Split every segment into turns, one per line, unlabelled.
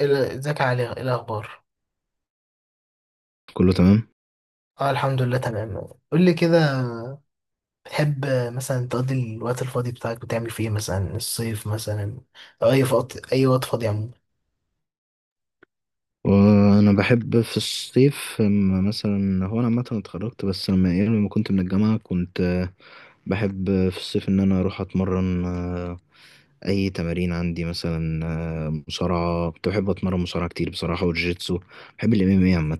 ازيك يا علي، ايه الاخبار؟
كله تمام.
اه، الحمد لله تمام. قول لي كده. تحب مثلا تقضي الوقت الفاضي بتاعك بتعمل فيه إيه؟ مثلا الصيف مثلا، او اي وقت اي وقت فاضي عموما.
وانا بحب في الصيف، أما مثلا هو انا عامه اتخرجت، بس لما كنت من الجامعه كنت، بحب في الصيف ان انا اروح اتمرن. اي تمارين عندي مثلا. مصارعه، كنت بحب اتمرن مصارعه كتير بصراحه، والجيتسو. بحب الام ام اي عامه.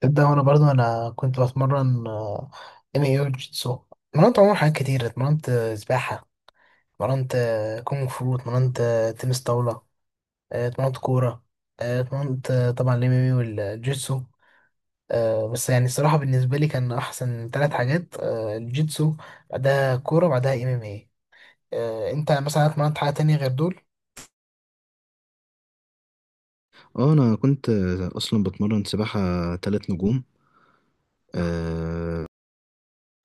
تبدا. وانا برضو انا كنت بتمرن ام اي او جيتسو. اتمرنت عموما حاجات كتير، اتمرنت سباحه، اتمرنت كونغ فو، اتمرنت تنس طاوله، اتمرنت كوره، اتمرنت طبعا الام ام اي والجيتسو. بس يعني الصراحة بالنسبة لي كان أحسن ثلاث حاجات، الجيتسو، بعدها كورة، بعدها MMA. انت مثلا اتمرنت حاجة تانية غير دول؟
اه، انا كنت اصلا بتمرن سباحه تلات نجوم. آه،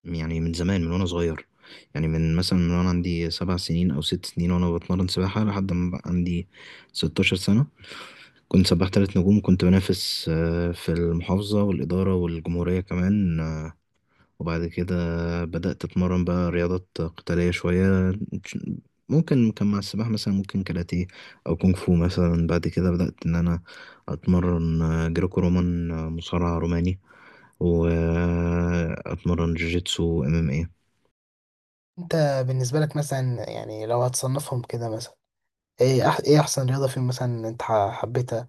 يعني من زمان، من وانا صغير. يعني من مثلا، من وانا عندي 7 سنين او 6 سنين، وانا بتمرن سباحه لحد ما بقى عندي 16 سنه. كنت سباح تلات نجوم، وكنت بنافس في المحافظة والإدارة والجمهورية كمان. وبعد كده بدأت أتمرن بقى رياضات قتالية شوية. ممكن كان مع السباحة، مثلا ممكن كاراتيه أو كونغ فو. مثلا بعد كده بدأت إن أنا أتمرن جريكو رومان، مصارع روماني. وأتمرن جوجيتسو ام ام إيه.
انت بالنسبة لك مثلا يعني لو هتصنفهم كده مثلا، ايه احسن رياضة فيهم مثلا انت حبيتها؟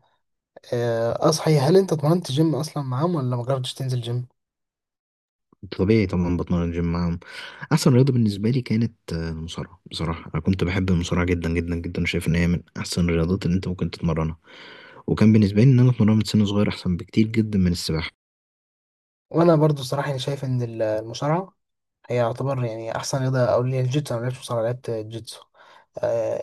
اه صحيح، هل انت اتمرنت جيم اصلا معاهم ولا ما جربتش تنزل جيم؟
طبيعي طبعا بتمرن جيم معاهم. احسن رياضه بالنسبه لي كانت المصارعه. بصراحه انا كنت بحب المصارعه جدا جدا جدا. شايف ان هي من احسن الرياضات اللي انت ممكن تتمرنها. وكان بالنسبه لي ان انا اتمرنها من سن صغير احسن بكتير جدا من السباحه.
وانا برضو صراحة يعني شايف ان المصارعة هي يعتبر يعني احسن رياضة، او اللي هي الجيتسو، انا ما لعبتش مصارعة لعبت جيتسو. آه،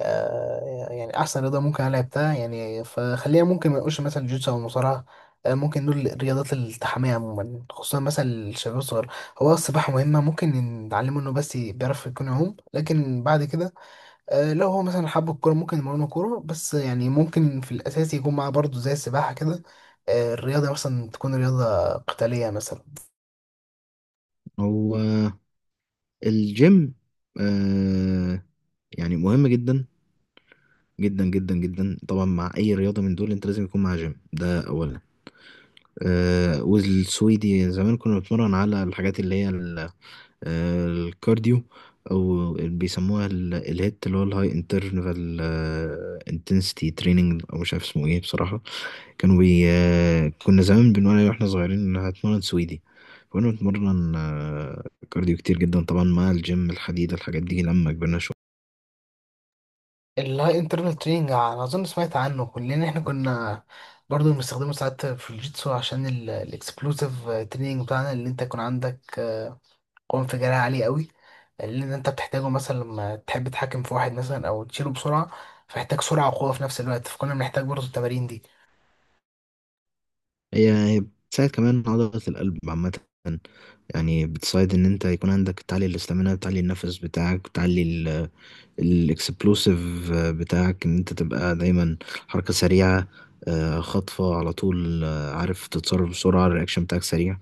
آه، يعني احسن رياضه ممكن انا لعبتها، يعني فخلينا ممكن ما نقولش مثلا الجيتسو او المصارعه. ممكن دول الرياضات التحامية عموما، خصوصا مثلا الشباب الصغير. هو السباحة مهمة، ممكن نتعلمه انه بس بيعرف يكون يعوم، لكن بعد كده لو هو مثلا حب الكورة ممكن نمرنه كورة، بس يعني ممكن في الأساس يكون معاه برضه زي السباحة كده. الرياضة مثلا تكون رياضة قتالية مثلا.
هو آه، الجيم، آه يعني مهم جدا، جدا جدا جدا. طبعا مع اي رياضه من دول انت لازم يكون معاها جيم، ده اولا. والسويدي زمان كنا بنتمرن على الحاجات اللي هي الكارديو، او بيسموها الهيت، اللي هو الهاي انترفال انتنسيتي تريننج، او مش عارف اسمه ايه بصراحه. كانوا بي آه، كنا زمان بنقول عليه واحنا صغيرين ان هتمرن سويدي. فكنا بنتمرن كارديو كتير جدا طبعا، مع الجيم الحديد، الحاجات دي لما كبرنا شويه.
اللاي انترنال تريننج انا اظن سمعت عنه. كلنا احنا كنا برضو بنستخدمه ساعات في الجيتسو عشان الاكسبلوسيف تريننج بتاعنا، اللي انت يكون عندك قوة انفجارية عالية قوي، اللي انت بتحتاجه مثلا لما تحب تتحكم في واحد مثلا او تشيله بسرعة، فيحتاج سرعة وقوة في نفس الوقت، فكنا بنحتاج برضو التمارين دي.
هي بتساعد كمان عضله القلب عامه. يعني بتساعد ان انت يكون عندك تعلي الاستامينا، بتعلي النفس بتاعك، بتعلي الاكسبلوسيف بتاعك، ان انت تبقى دايما حركة سريعة. خطفة على طول، عارف تتصرف بسرعة، الرياكشن بتاعك سريع.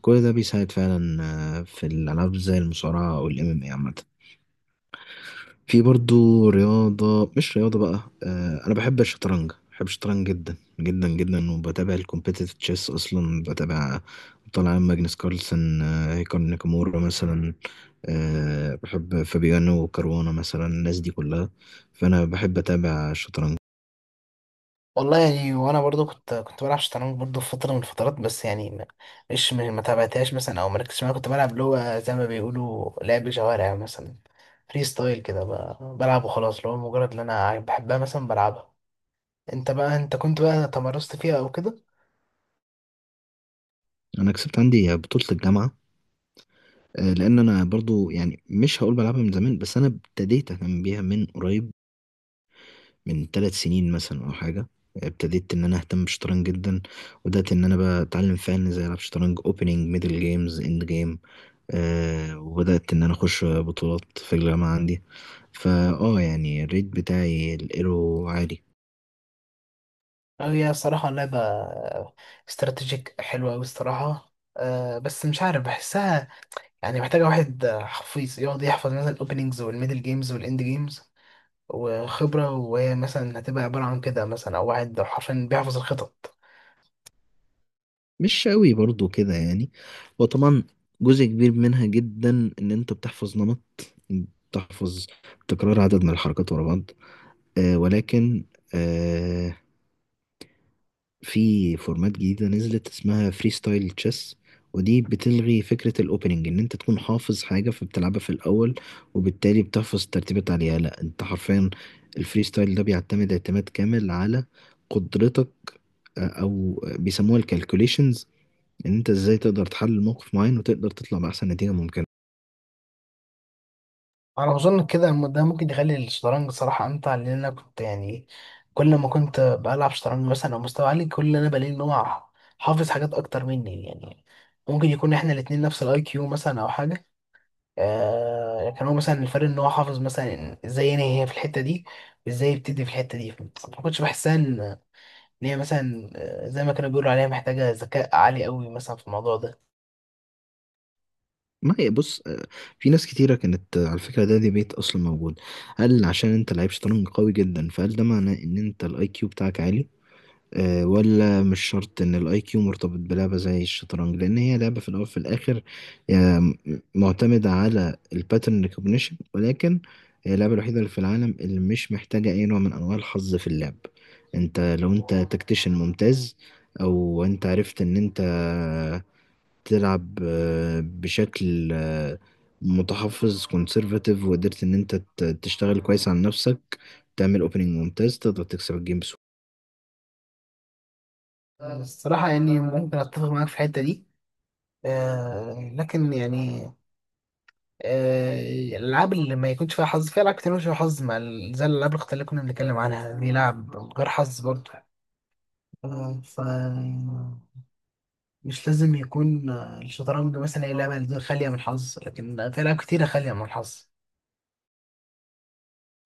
كل ده بيساعد فعلا في الألعاب زي المصارعة أو ال MMA عامة. في برضو رياضة، مش رياضة بقى، أنا بحب الشطرنج. بحب الشطرنج جدا جدا جدا، وبتابع الكومبيتيتيف تشيس. أصلا بتابع، طالع ماجنس كارلسن، هيكار ناكامورا مثلا. بحب فابيانو وكاروانا مثلا، الناس دي كلها. فأنا بحب أتابع الشطرنج.
والله يعني، وانا برضو كنت بلعب شطرنج برضو في فتره من الفترات، بس يعني مش ما تابعتهاش مثلا او مركزتش معاها. كنت بلعب اللي هو زي ما بيقولوا لعب شوارع مثلا، فري ستايل كده بلعب وخلاص، اللي هو مجرد ان انا بحبها مثلا بلعبها. انت بقى، انت كنت بقى تمرست فيها او كده؟
أنا كسبت عندي بطولة الجامعة. لأن أنا برضو يعني مش هقول بلعبها من زمان، بس أنا ابتديت أهتم بيها من قريب، من 3 سنين مثلا او حاجه. ابتديت ان انا اهتم بالشطرنج جدا. وبدات ان انا بقى اتعلم فعلا ازاي العب شطرنج، اوبننج ميدل جيمز اند جيم. وبدات ان انا اخش بطولات في الجامعه عندي. فا يعني الريت بتاعي الايرو عالي.
هي الصراحه لعبه استراتيجيك حلوه قوي الصراحه، بس مش عارف بحسها. يعني محتاجه واحد حفيظ يقعد يحفظ مثلا الاوبننجز والميدل جيمز والاند جيمز وخبرة، وهي مثلا هتبقى عبارة عن كده مثلا، أو واحد حرفيا بيحفظ الخطط.
مش قوي برضو كده يعني. وطبعا جزء كبير منها جدا ان انت بتحفظ نمط، بتحفظ تكرار عدد من الحركات ورا بعض. ولكن آه، في فورمات جديدة نزلت اسمها فري ستايل تشيس. ودي بتلغي فكرة الأوبننج، إن أنت تكون حافظ حاجة فبتلعبها في الأول، وبالتالي بتحفظ الترتيبات عليها. لأ، أنت حرفيا الفري ستايل ده بيعتمد اعتماد كامل على قدرتك، أو بيسموها الكالكوليشنز، إن أنت إزاي تقدر تحلل موقف معين وتقدر تطلع بأحسن نتيجة ممكنة.
على ما أظن كده ده ممكن يخلي الشطرنج صراحة أمتع، لأن أنا كنت يعني كل ما كنت بلعب شطرنج مثلا أو مستوى عالي، كل اللي أنا بلاقي إن هو حافظ حاجات أكتر مني. يعني ممكن يكون إحنا الاتنين نفس الأي كيو مثلا أو حاجة، لكن هو مثلا الفرق إن هو حافظ مثلا إزاي ينهي هي في الحتة دي وإزاي يبتدي في الحتة دي. ما كنتش بحسها إن هي مثلا، زي ما كانوا بيقولوا عليها محتاجة ذكاء عالي قوي مثلا في الموضوع ده.
ما هي بص، في ناس كتيرة كانت، على فكرة ده ديبيت أصلا موجود: هل عشان أنت لعيب شطرنج قوي جدا، فهل ده معناه إن أنت الأي كيو بتاعك عالي؟ ولا مش شرط ان الاي كيو مرتبط بلعبه زي الشطرنج، لان هي لعبه في الاول وفي الاخر آه، م- معتمده على الباترن ريكوجنيشن. ولكن هي اللعبه الوحيده اللي في العالم اللي مش محتاجه اي نوع من انواع الحظ في اللعب. انت لو انت تكتيشن ممتاز، او انت عرفت ان انت تلعب بشكل متحفظ كونسرفاتيف، وقدرت ان انت تشتغل كويس على نفسك، تعمل اوبننج ممتاز، تقدر تكسب الجيم.
الصراحة يعني ممكن أتفق معاك في الحتة دي، لكن يعني آه الألعاب اللي ما يكونش فيها حظ، في ألعاب كتير مش فيها حظ مع زي الألعاب الأخت اللي كنا بنتكلم عنها دي، لعب غير حظ برضه. آه ف مش لازم يكون الشطرنج مثلا هي لعبة دي خالية من الحظ، لكن في ألعاب كتيرة خالية من الحظ.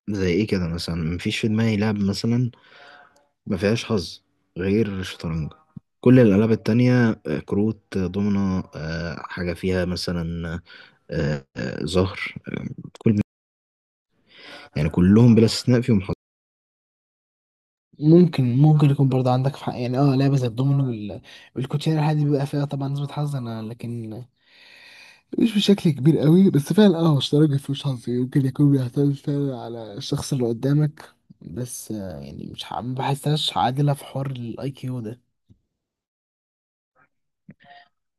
زي ايه كده مثلا؟ مفيش في دماغي لعب مثلا ما فيهاش حظ غير الشطرنج. كل الالعاب التانية، كروت، دومنة، حاجة فيها مثلا زهر. آه، كل، يعني كلهم بلا استثناء فيهم حظ.
ممكن يكون برضه عندك في حق، يعني اه لعبة زي الدومينو والكوتشينة، الحاجات دي بيبقى فيها طبعا نسبة حظ انا، لكن مش بشكل كبير قوي. بس فعلا اه، هو الشطرنج مفيهوش حظ، يمكن يكون بيعتمد فعلا على الشخص اللي قدامك، بس يعني مش ما بحسهاش عادلة في حوار الاي كيو ده.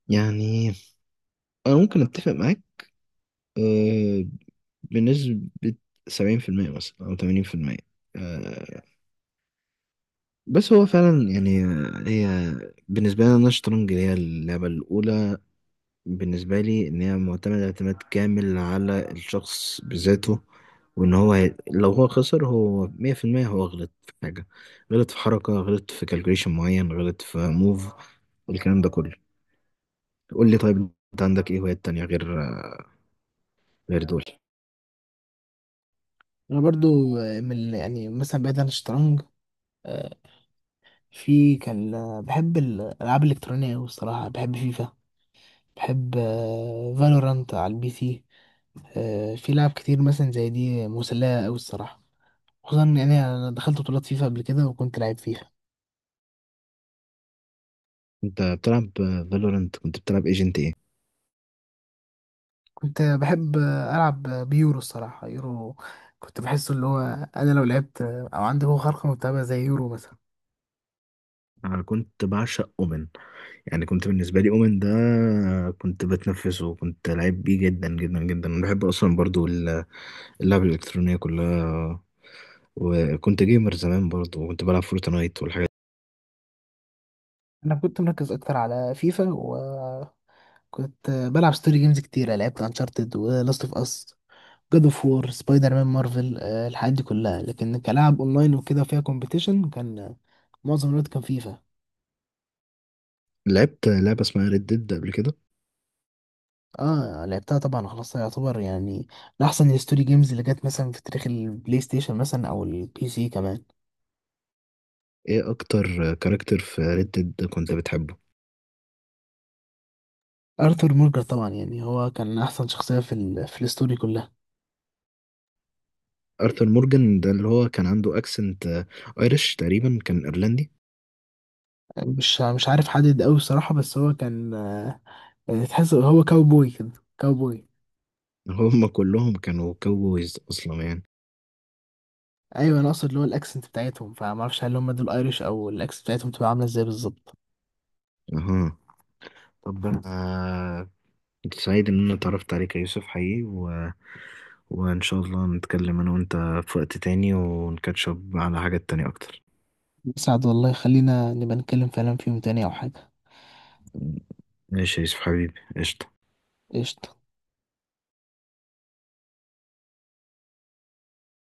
يعني انا ممكن اتفق معاك آه، بنسبة 70% مثلا أو 80%. آه، بس هو فعلا يعني هي بالنسبة لنا الشطرنج هي اللعبة الأولى. بالنسبة لي، إن هي معتمدة اعتماد كامل على الشخص بذاته. لو هو خسر، هو 100% هو غلط في حاجة، غلط في حركة، غلط في كالكوليشن معين، غلط في موف. الكلام ده كله. قول لي، طيب أنت عندك إيه هوايات تانية غير دول؟
انا برضو من يعني مثلا بعيد عن الشطرنج، آه، في كان بحب الالعاب الالكترونية أوي الصراحة، بحب فيفا، بحب فالورانت على البي سي. في لعب كتير مثلا زي دي مسلية أوي الصراحة، خصوصا يعني انا دخلت بطولات فيفا قبل كده وكنت لعيب فيها.
أنت بتلعب فالورنت؟ كنت بتلعب ايجنت إيه؟
كنت بحب ألعب بيورو الصراحة، يورو كنت بحسه اللي هو أنا لو لعبت أو عندي هو خارقة متابعة زي يورو مثلا.
أنا كنت بعشق أومن. يعني كنت بالنسبة لي أومن ده كنت بتنفسه، وكنت لعيب بيه جدا جدا جدا. أنا بحب أصلا برضو اللعب الإلكترونية كلها. وكنت جيمر زمان برضه، وكنت بلعب فورتنايت والحاجات
أنا كنت مركز أكتر على فيفا، وكنت بلعب ستوري جيمز كتيرة، لعبت أنشارتد ولاست أوف أس، جاد أوف وور، سبايدر مان، مارفل، الحاجات دي كلها، لكن كلاعب أونلاين وكده فيها كومبيتيشن كان معظم الوقت كان فيفا.
دي. لعبت لعبة اسمها ريد ديد قبل كده.
اه، لعبتها طبعا، خلاص يعتبر يعني من أحسن الستوري جيمز اللي جت مثلا في تاريخ البلاي ستيشن مثلا أو البي سي كمان.
ايه اكتر كاركتر في ريد ديد كنت بتحبه؟
ارثر مورجان طبعا، يعني هو كان احسن شخصيه في في الستوري كلها.
ارثر مورجان ده اللي هو كان عنده اكسنت ايرش تقريبا، كان ايرلندي.
مش عارف حدد قوي الصراحه، بس هو كان تحس هو كاوبوي كده، كاوبوي.
هم كلهم كانوا كاوبويز اصلا يعني.
ايوه، انا اقصد اللي هو الاكسنت بتاعتهم، فما اعرفش هل هم دول ايريش او الاكسنت بتاعتهم تبقى عامله ازاي بالظبط.
اها. طب انا كنت سعيد ان انا اتعرفت عليك يا يوسف حقيقي، و... وان شاء الله نتكلم انا وانت في وقت تاني ونكاتشب على حاجات تانية اكتر.
سعد والله، خلينا نبقى نتكلم فعلا فيهم تاني او حاجه.
ماشي يا يوسف حبيبي، قشطة.
قشطه.